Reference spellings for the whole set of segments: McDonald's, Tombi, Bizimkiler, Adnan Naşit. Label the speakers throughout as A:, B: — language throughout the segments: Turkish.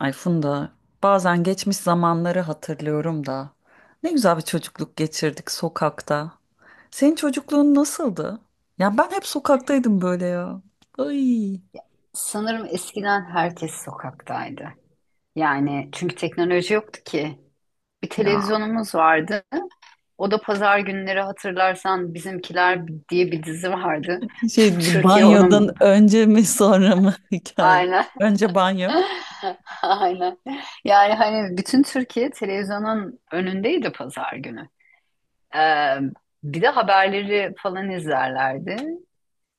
A: Ay Funda, bazen geçmiş zamanları hatırlıyorum da. Ne güzel bir çocukluk geçirdik sokakta. Senin çocukluğun nasıldı? Ya ben hep sokaktaydım böyle ya. Ay.
B: Sanırım eskiden herkes sokaktaydı. Yani çünkü teknoloji yoktu ki. Bir
A: Ya
B: televizyonumuz vardı. O da pazar günleri hatırlarsan Bizimkiler diye bir dizi vardı.
A: şey
B: Tüm Türkiye onun.
A: banyodan önce mi sonra mı hikaye?
B: Aynen.
A: Önce banyo.
B: Aynen. Yani hani bütün Türkiye televizyonun önündeydi pazar günü. Ee, Bir de haberleri falan izlerlerdi.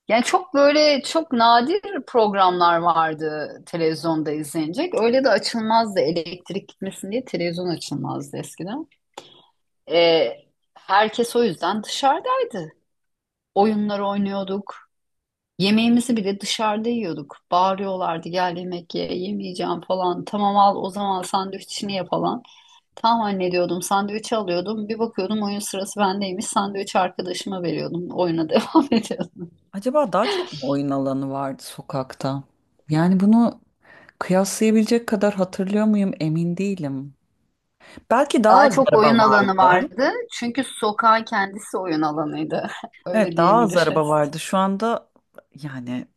B: Yani çok böyle çok nadir programlar vardı televizyonda izlenecek. Öyle de açılmazdı, elektrik gitmesin diye televizyon açılmazdı eskiden. Ee, Herkes o yüzden dışarıdaydı. Oyunlar oynuyorduk. Yemeğimizi bile dışarıda yiyorduk. Bağırıyorlardı, gel yemek ye, yemeyeceğim falan. Tamam, al o zaman sandviçini ye falan. Tamam anne diyordum, sandviçi alıyordum. Bir bakıyordum oyun sırası bendeymiş. Sandviçi arkadaşıma veriyordum. Oyuna devam ediyordum.
A: Acaba daha çok mu oyun alanı vardı sokakta? Yani bunu kıyaslayabilecek kadar hatırlıyor muyum emin değilim. Belki daha
B: Daha
A: az
B: çok oyun
A: araba
B: alanı
A: vardı.
B: vardı. Çünkü sokağın kendisi oyun alanıydı. Öyle
A: Evet, daha az araba
B: diyebiliriz.
A: vardı. Şu anda yani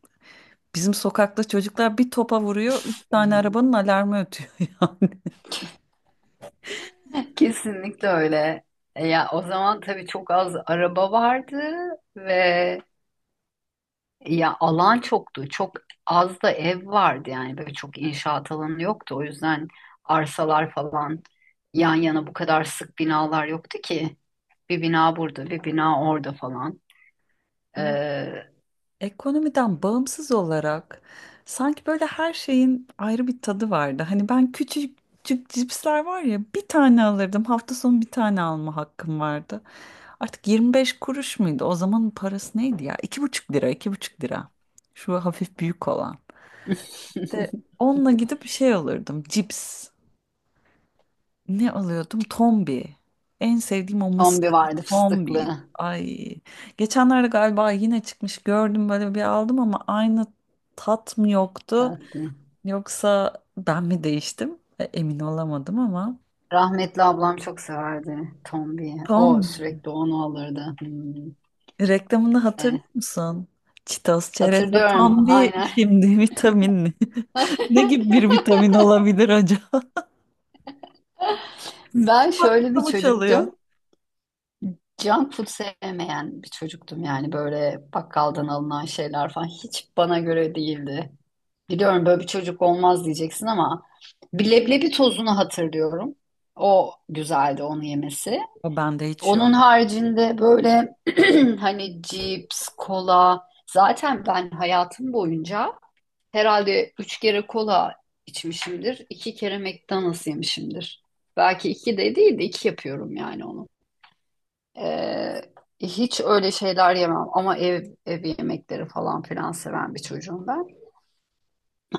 A: bizim sokakta çocuklar bir topa vuruyor, üç tane
B: Hı.
A: arabanın alarmı ötüyor ya.
B: Kesinlikle öyle. Ya o zaman tabii çok az araba vardı ve ya alan çoktu. Çok az da ev vardı, yani böyle çok inşaat alanı yoktu. O yüzden arsalar falan yan yana bu kadar sık binalar yoktu ki. Bir bina burada, bir bina orada falan.
A: Ya,
B: Ee,
A: ekonomiden bağımsız olarak sanki böyle her şeyin ayrı bir tadı vardı. Hani ben küçük küçük cipsler var ya, bir tane alırdım. Hafta sonu bir tane alma hakkım vardı. Artık 25 kuruş muydu? O zamanın parası neydi ya? İki buçuk lira, iki buçuk lira. Şu hafif büyük olan. İşte onunla gidip bir şey alırdım. Cips. Ne alıyordum? Tombi. En sevdiğim o
B: Tombi
A: mısırlı
B: vardı
A: tombiydi.
B: fıstıklı.
A: Ay. Geçenlerde galiba yine çıkmış, gördüm, böyle bir aldım ama aynı tat mı yoktu?
B: Tatlı.
A: Yoksa ben mi değiştim? Emin olamadım ama.
B: Rahmetli ablam çok severdi Tombi'yi. O
A: Tombi.
B: sürekli onu alırdı. Hmm.
A: Reklamını hatırlıyor
B: E,
A: musun? Çitos, çerez ve
B: Hatırlıyorum
A: tombi
B: aynen.
A: şimdi vitaminli. Ne gibi bir vitamin olabilir acaba?
B: Ben şöyle
A: Aklımda
B: bir
A: mı çalıyor.
B: çocuktum. Junk food sevmeyen bir çocuktum, yani böyle bakkaldan alınan şeyler falan hiç bana göre değildi. Biliyorum böyle bir çocuk olmaz diyeceksin ama bir leblebi tozunu hatırlıyorum. O güzeldi, onu yemesi.
A: O bende hiç yok.
B: Onun haricinde böyle hani cips, kola, zaten ben hayatım boyunca herhalde 3 kere kola içmişimdir. 2 kere McDonald's yemişimdir. Belki iki de değil de iki yapıyorum yani onu. Ee, Hiç öyle şeyler yemem ama ev yemekleri falan filan seven bir çocuğum ben.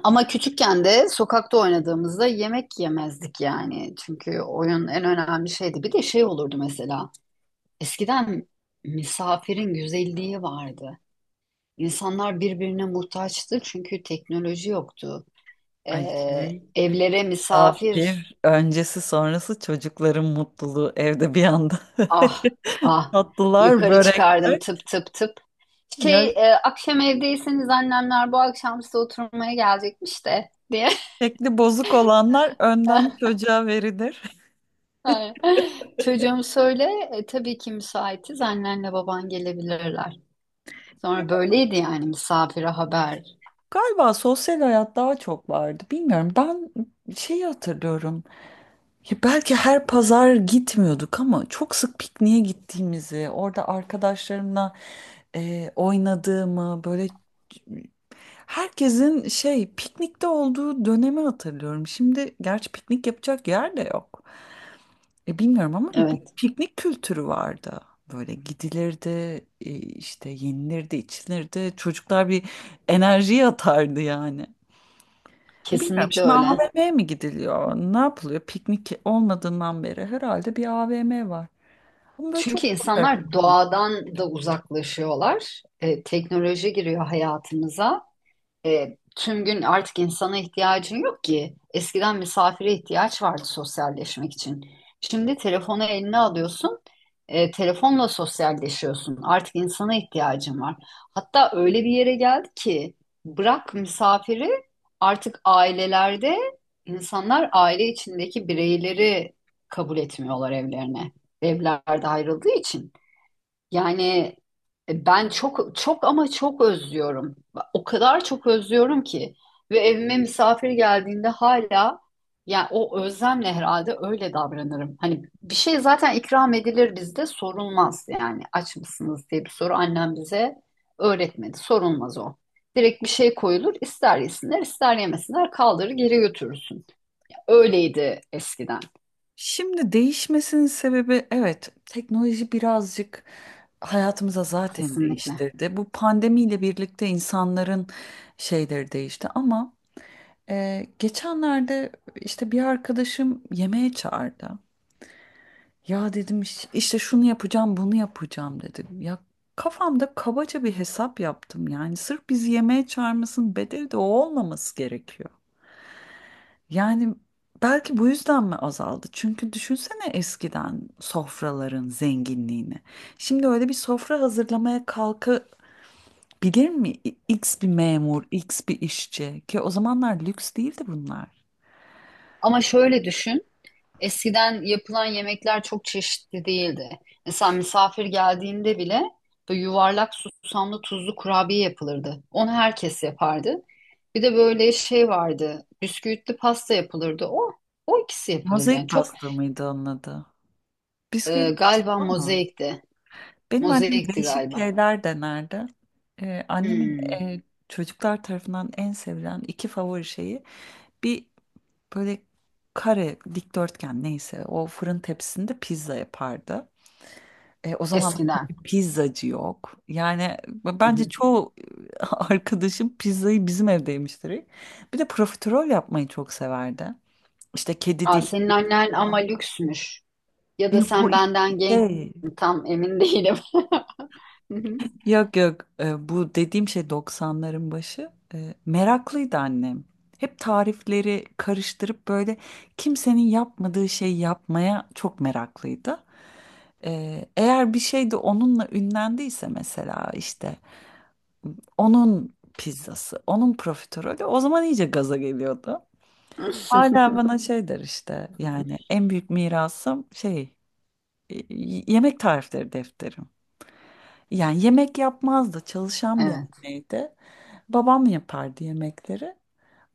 B: Ama küçükken de sokakta oynadığımızda yemek yemezdik yani. Çünkü oyun en önemli şeydi. Bir de şey olurdu mesela. Eskiden misafirin güzelliği vardı. İnsanlar birbirine muhtaçtı, çünkü teknoloji yoktu.
A: Ay.
B: Evlere misafir,
A: Misafir öncesi sonrası çocukların mutluluğu evde bir anda.
B: ah ah,
A: Tatlılar,
B: yukarı
A: börekler.
B: çıkardım tıp tıp tıp. Şey,
A: Ya,
B: akşam evdeyseniz annemler bu akşam size oturmaya gelecekmiş de diye.
A: şekli bozuk olanlar önden çocuğa verilir.
B: Aynen. Çocuğum söyle, tabii ki müsaitiz, annenle baban gelebilirler. Sonra böyleydi yani, misafire haber.
A: Galiba sosyal hayat daha çok vardı. Bilmiyorum. Ben hatırlıyorum. Ya belki her pazar gitmiyorduk ama çok sık pikniğe gittiğimizi, orada arkadaşlarımla oynadığımı, böyle herkesin piknikte olduğu dönemi hatırlıyorum. Şimdi gerçi piknik yapacak yer de yok. Bilmiyorum ama bir
B: Evet,
A: piknik kültürü vardı. Böyle gidilirdi, işte yenilirdi, içilirdi. Çocuklar bir enerji atardı yani. E bilmiyorum.
B: kesinlikle
A: Şimdi
B: öyle.
A: AVM'ye mi gidiliyor? Ne yapılıyor? Piknik olmadığından beri herhalde bir AVM var. Ama böyle çok
B: Çünkü
A: fotoğraf.
B: insanlar doğadan da uzaklaşıyorlar. Teknoloji giriyor hayatımıza. Tüm gün artık insana ihtiyacın yok ki. Eskiden misafire ihtiyaç vardı sosyalleşmek için. Şimdi telefonu eline alıyorsun, telefonla sosyalleşiyorsun. Artık insana ihtiyacın var. Hatta öyle bir yere geldi ki, bırak misafiri, artık ailelerde insanlar aile içindeki bireyleri kabul etmiyorlar evlerine. Evlerde ayrıldığı için. Yani ben çok özlüyorum. O kadar çok özlüyorum ki, ve evime misafir geldiğinde hala, yani o özlemle herhalde öyle davranırım. Hani bir şey zaten ikram edilir bizde, sorulmaz, yani aç mısınız diye bir soru annem bize öğretmedi. Sorulmaz o. Direkt bir şey koyulur, ister yesinler, ister yemesinler, kaldırır geri götürürsün. Öyleydi eskiden,
A: Şimdi değişmesinin sebebi, evet, teknoloji birazcık hayatımıza zaten
B: kesinlikle.
A: değiştirdi. Bu pandemiyle birlikte insanların değişti ama geçenlerde işte bir arkadaşım yemeğe çağırdı. Ya dedim, işte şunu yapacağım, bunu yapacağım," dedim. Ya, kafamda kabaca bir hesap yaptım yani. Sırf bizi yemeğe çağırmasının bedeli de o olmaması gerekiyor. Yani belki bu yüzden mi azaldı? Çünkü düşünsene eskiden sofraların zenginliğini. Şimdi öyle bir sofra hazırlamaya kalkabilir mi X bir memur, X bir işçi, ki o zamanlar lüks değildi bunlar.
B: Ama şöyle düşün. Eskiden yapılan yemekler çok çeşitli değildi. Mesela misafir geldiğinde bile böyle yuvarlak susamlı tuzlu kurabiye yapılırdı. Onu herkes yapardı. Bir de böyle şey vardı. Bisküvitli pasta yapılırdı. O ikisi yapılırdı. Yani
A: Mozaik
B: çok,
A: pasta mıydı onun adı? Bisküvili
B: galiba
A: pasta mı?
B: mozaikti.
A: Benim annem
B: Mozaikti
A: değişik
B: galiba.
A: şeyler denerdi. Annemin
B: Hmm,
A: çocuklar tarafından en sevilen iki favori şeyi, bir böyle kare dikdörtgen neyse o fırın tepsisinde pizza yapardı. E, o zamanlar
B: eskiden.
A: tabii pizzacı yok. Yani
B: Hı
A: bence
B: hı.
A: çoğu arkadaşım pizzayı bizim evde yemiştir. Bir de profiterol yapmayı çok severdi. İşte kedi
B: Aa,
A: dili.
B: senin annen ama lüksmüş. Ya da
A: Yok, bu
B: sen
A: iki
B: benden genç,
A: şey.
B: tam emin değilim.
A: Yok yok, bu dediğim şey doksanların başı. Meraklıydı annem. Hep tarifleri karıştırıp böyle kimsenin yapmadığı şeyi yapmaya çok meraklıydı. E, eğer bir şey de onunla ünlendiyse, mesela işte onun pizzası, onun profiterolü, o zaman iyice gaza geliyordu. Hala bana der işte, yani en büyük mirasım yemek tarifleri defteri. Yani yemek yapmazdı. Çalışan bir
B: Evet.
A: anneydi. Babam yapardı yemekleri.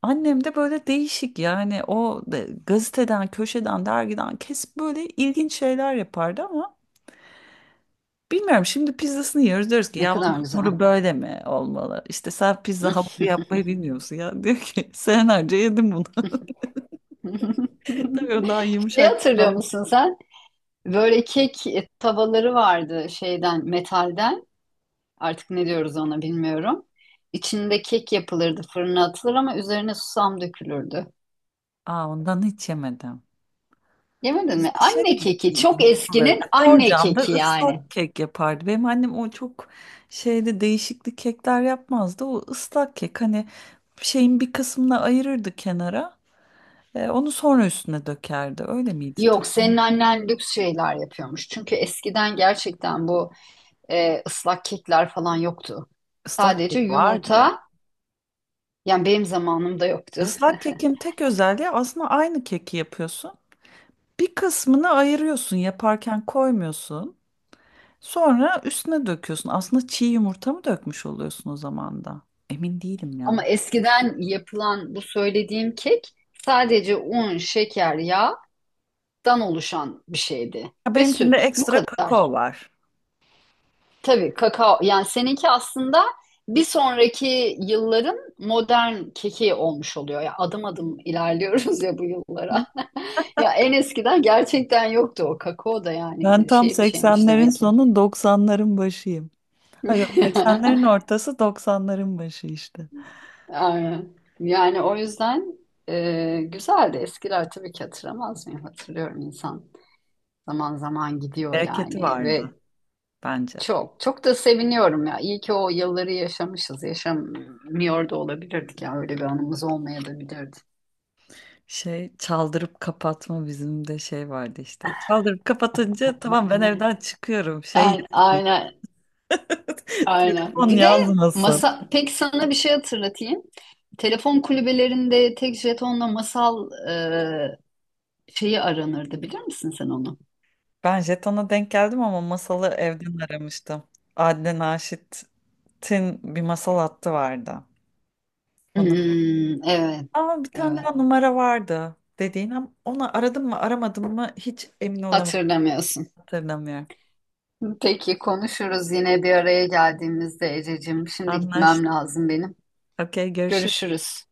A: Annem de böyle değişik, yani gazeteden, köşeden, dergiden kesip böyle ilginç şeyler yapardı ama bilmiyorum, şimdi pizzasını yiyoruz, diyoruz ki
B: Ne
A: ya bunun
B: kadar güzel.
A: hamuru böyle mi olmalı? İşte sen pizza hamuru yapmayı bilmiyorsun ya, diyor ki senelerce yedim bunu. Tabii o daha
B: Şeyi
A: yumuşak bir
B: hatırlıyor
A: hamur.
B: musun sen? Böyle kek tavaları vardı şeyden, metalden. Artık ne diyoruz ona bilmiyorum. İçinde kek yapılırdı, fırına atılır ama üzerine susam dökülürdü.
A: Aa, ondan hiç yemedim.
B: Yemedin mi?
A: Bizde
B: Anne keki, çok eskinin
A: yapılırdı.
B: anne
A: Borcamda
B: keki yani.
A: ıslak kek yapardı. Benim annem o çok değişikli kekler yapmazdı. O ıslak kek, hani bir kısmını ayırırdı kenara. Onu sonra üstüne dökerdi. Öyle miydi? Tam
B: Yok, senin annen lüks şeyler yapıyormuş. Çünkü eskiden gerçekten bu ıslak kekler falan yoktu.
A: ıslak
B: Sadece
A: kek vardı ya.
B: yumurta, yani benim zamanımda yoktu.
A: Islak kekin tek özelliği, aslında aynı keki yapıyorsun. Bir kısmını ayırıyorsun, yaparken koymuyorsun. Sonra üstüne döküyorsun. Aslında çiğ yumurta mı dökmüş oluyorsun o zaman da? Emin değilim
B: Ama
A: ya.
B: eskiden yapılan bu söylediğim kek sadece un, şeker, yağdan oluşan bir şeydi
A: Ya,
B: ve
A: benimkinde
B: süt. Bu
A: ekstra
B: kadar.
A: kakao var.
B: Tabii kakao, yani seninki aslında bir sonraki yılların modern keki olmuş oluyor. Ya adım adım ilerliyoruz ya bu yıllara. Ya en eskiden gerçekten yoktu o kakao da,
A: Ben
B: yani
A: tam
B: şey bir şeymiş
A: 80'lerin
B: demek ki.
A: sonu 90'ların başıyım. Ha yok, 80'lerin ortası 90'ların başı işte.
B: Aynen. Yani o yüzden güzeldi. Eskiler tabii ki hatırlamaz mı? Hatırlıyorum insan. Zaman zaman gidiyor
A: Bereketi
B: yani,
A: vardı
B: ve
A: bence.
B: çok çok da seviniyorum ya. İyi ki o yılları yaşamışız. Yaşamıyor da olabilirdik ya. Öyle bir anımız olmayabilirdi.
A: Şey çaldırıp kapatma, bizim de vardı işte. Çaldırıp kapatınca tamam, ben evden çıkıyorum.
B: Aynen, aynen, aynen.
A: Telefon
B: Bir de
A: yazmasın.
B: masa, peki sana bir şey hatırlatayım. Telefon kulübelerinde tek jetonla masal şeyi aranırdı, bilir misin sen onu?
A: Ben jetona denk geldim ama masalı evden aramıştım. Adnan Naşit'in bir masal hattı vardı. Onu
B: Hmm, evet,
A: Ama bir tane
B: evet.
A: daha numara vardı dediğin, ama onu aradım mı aramadım mı hiç emin olamadım,
B: Hatırlamıyorsun.
A: hatırlamıyorum.
B: Peki konuşuruz yine bir araya geldiğimizde Ececiğim. Şimdi
A: Anlaştık.
B: gitmem lazım benim.
A: Okey, görüşürüz.
B: Görüşürüz.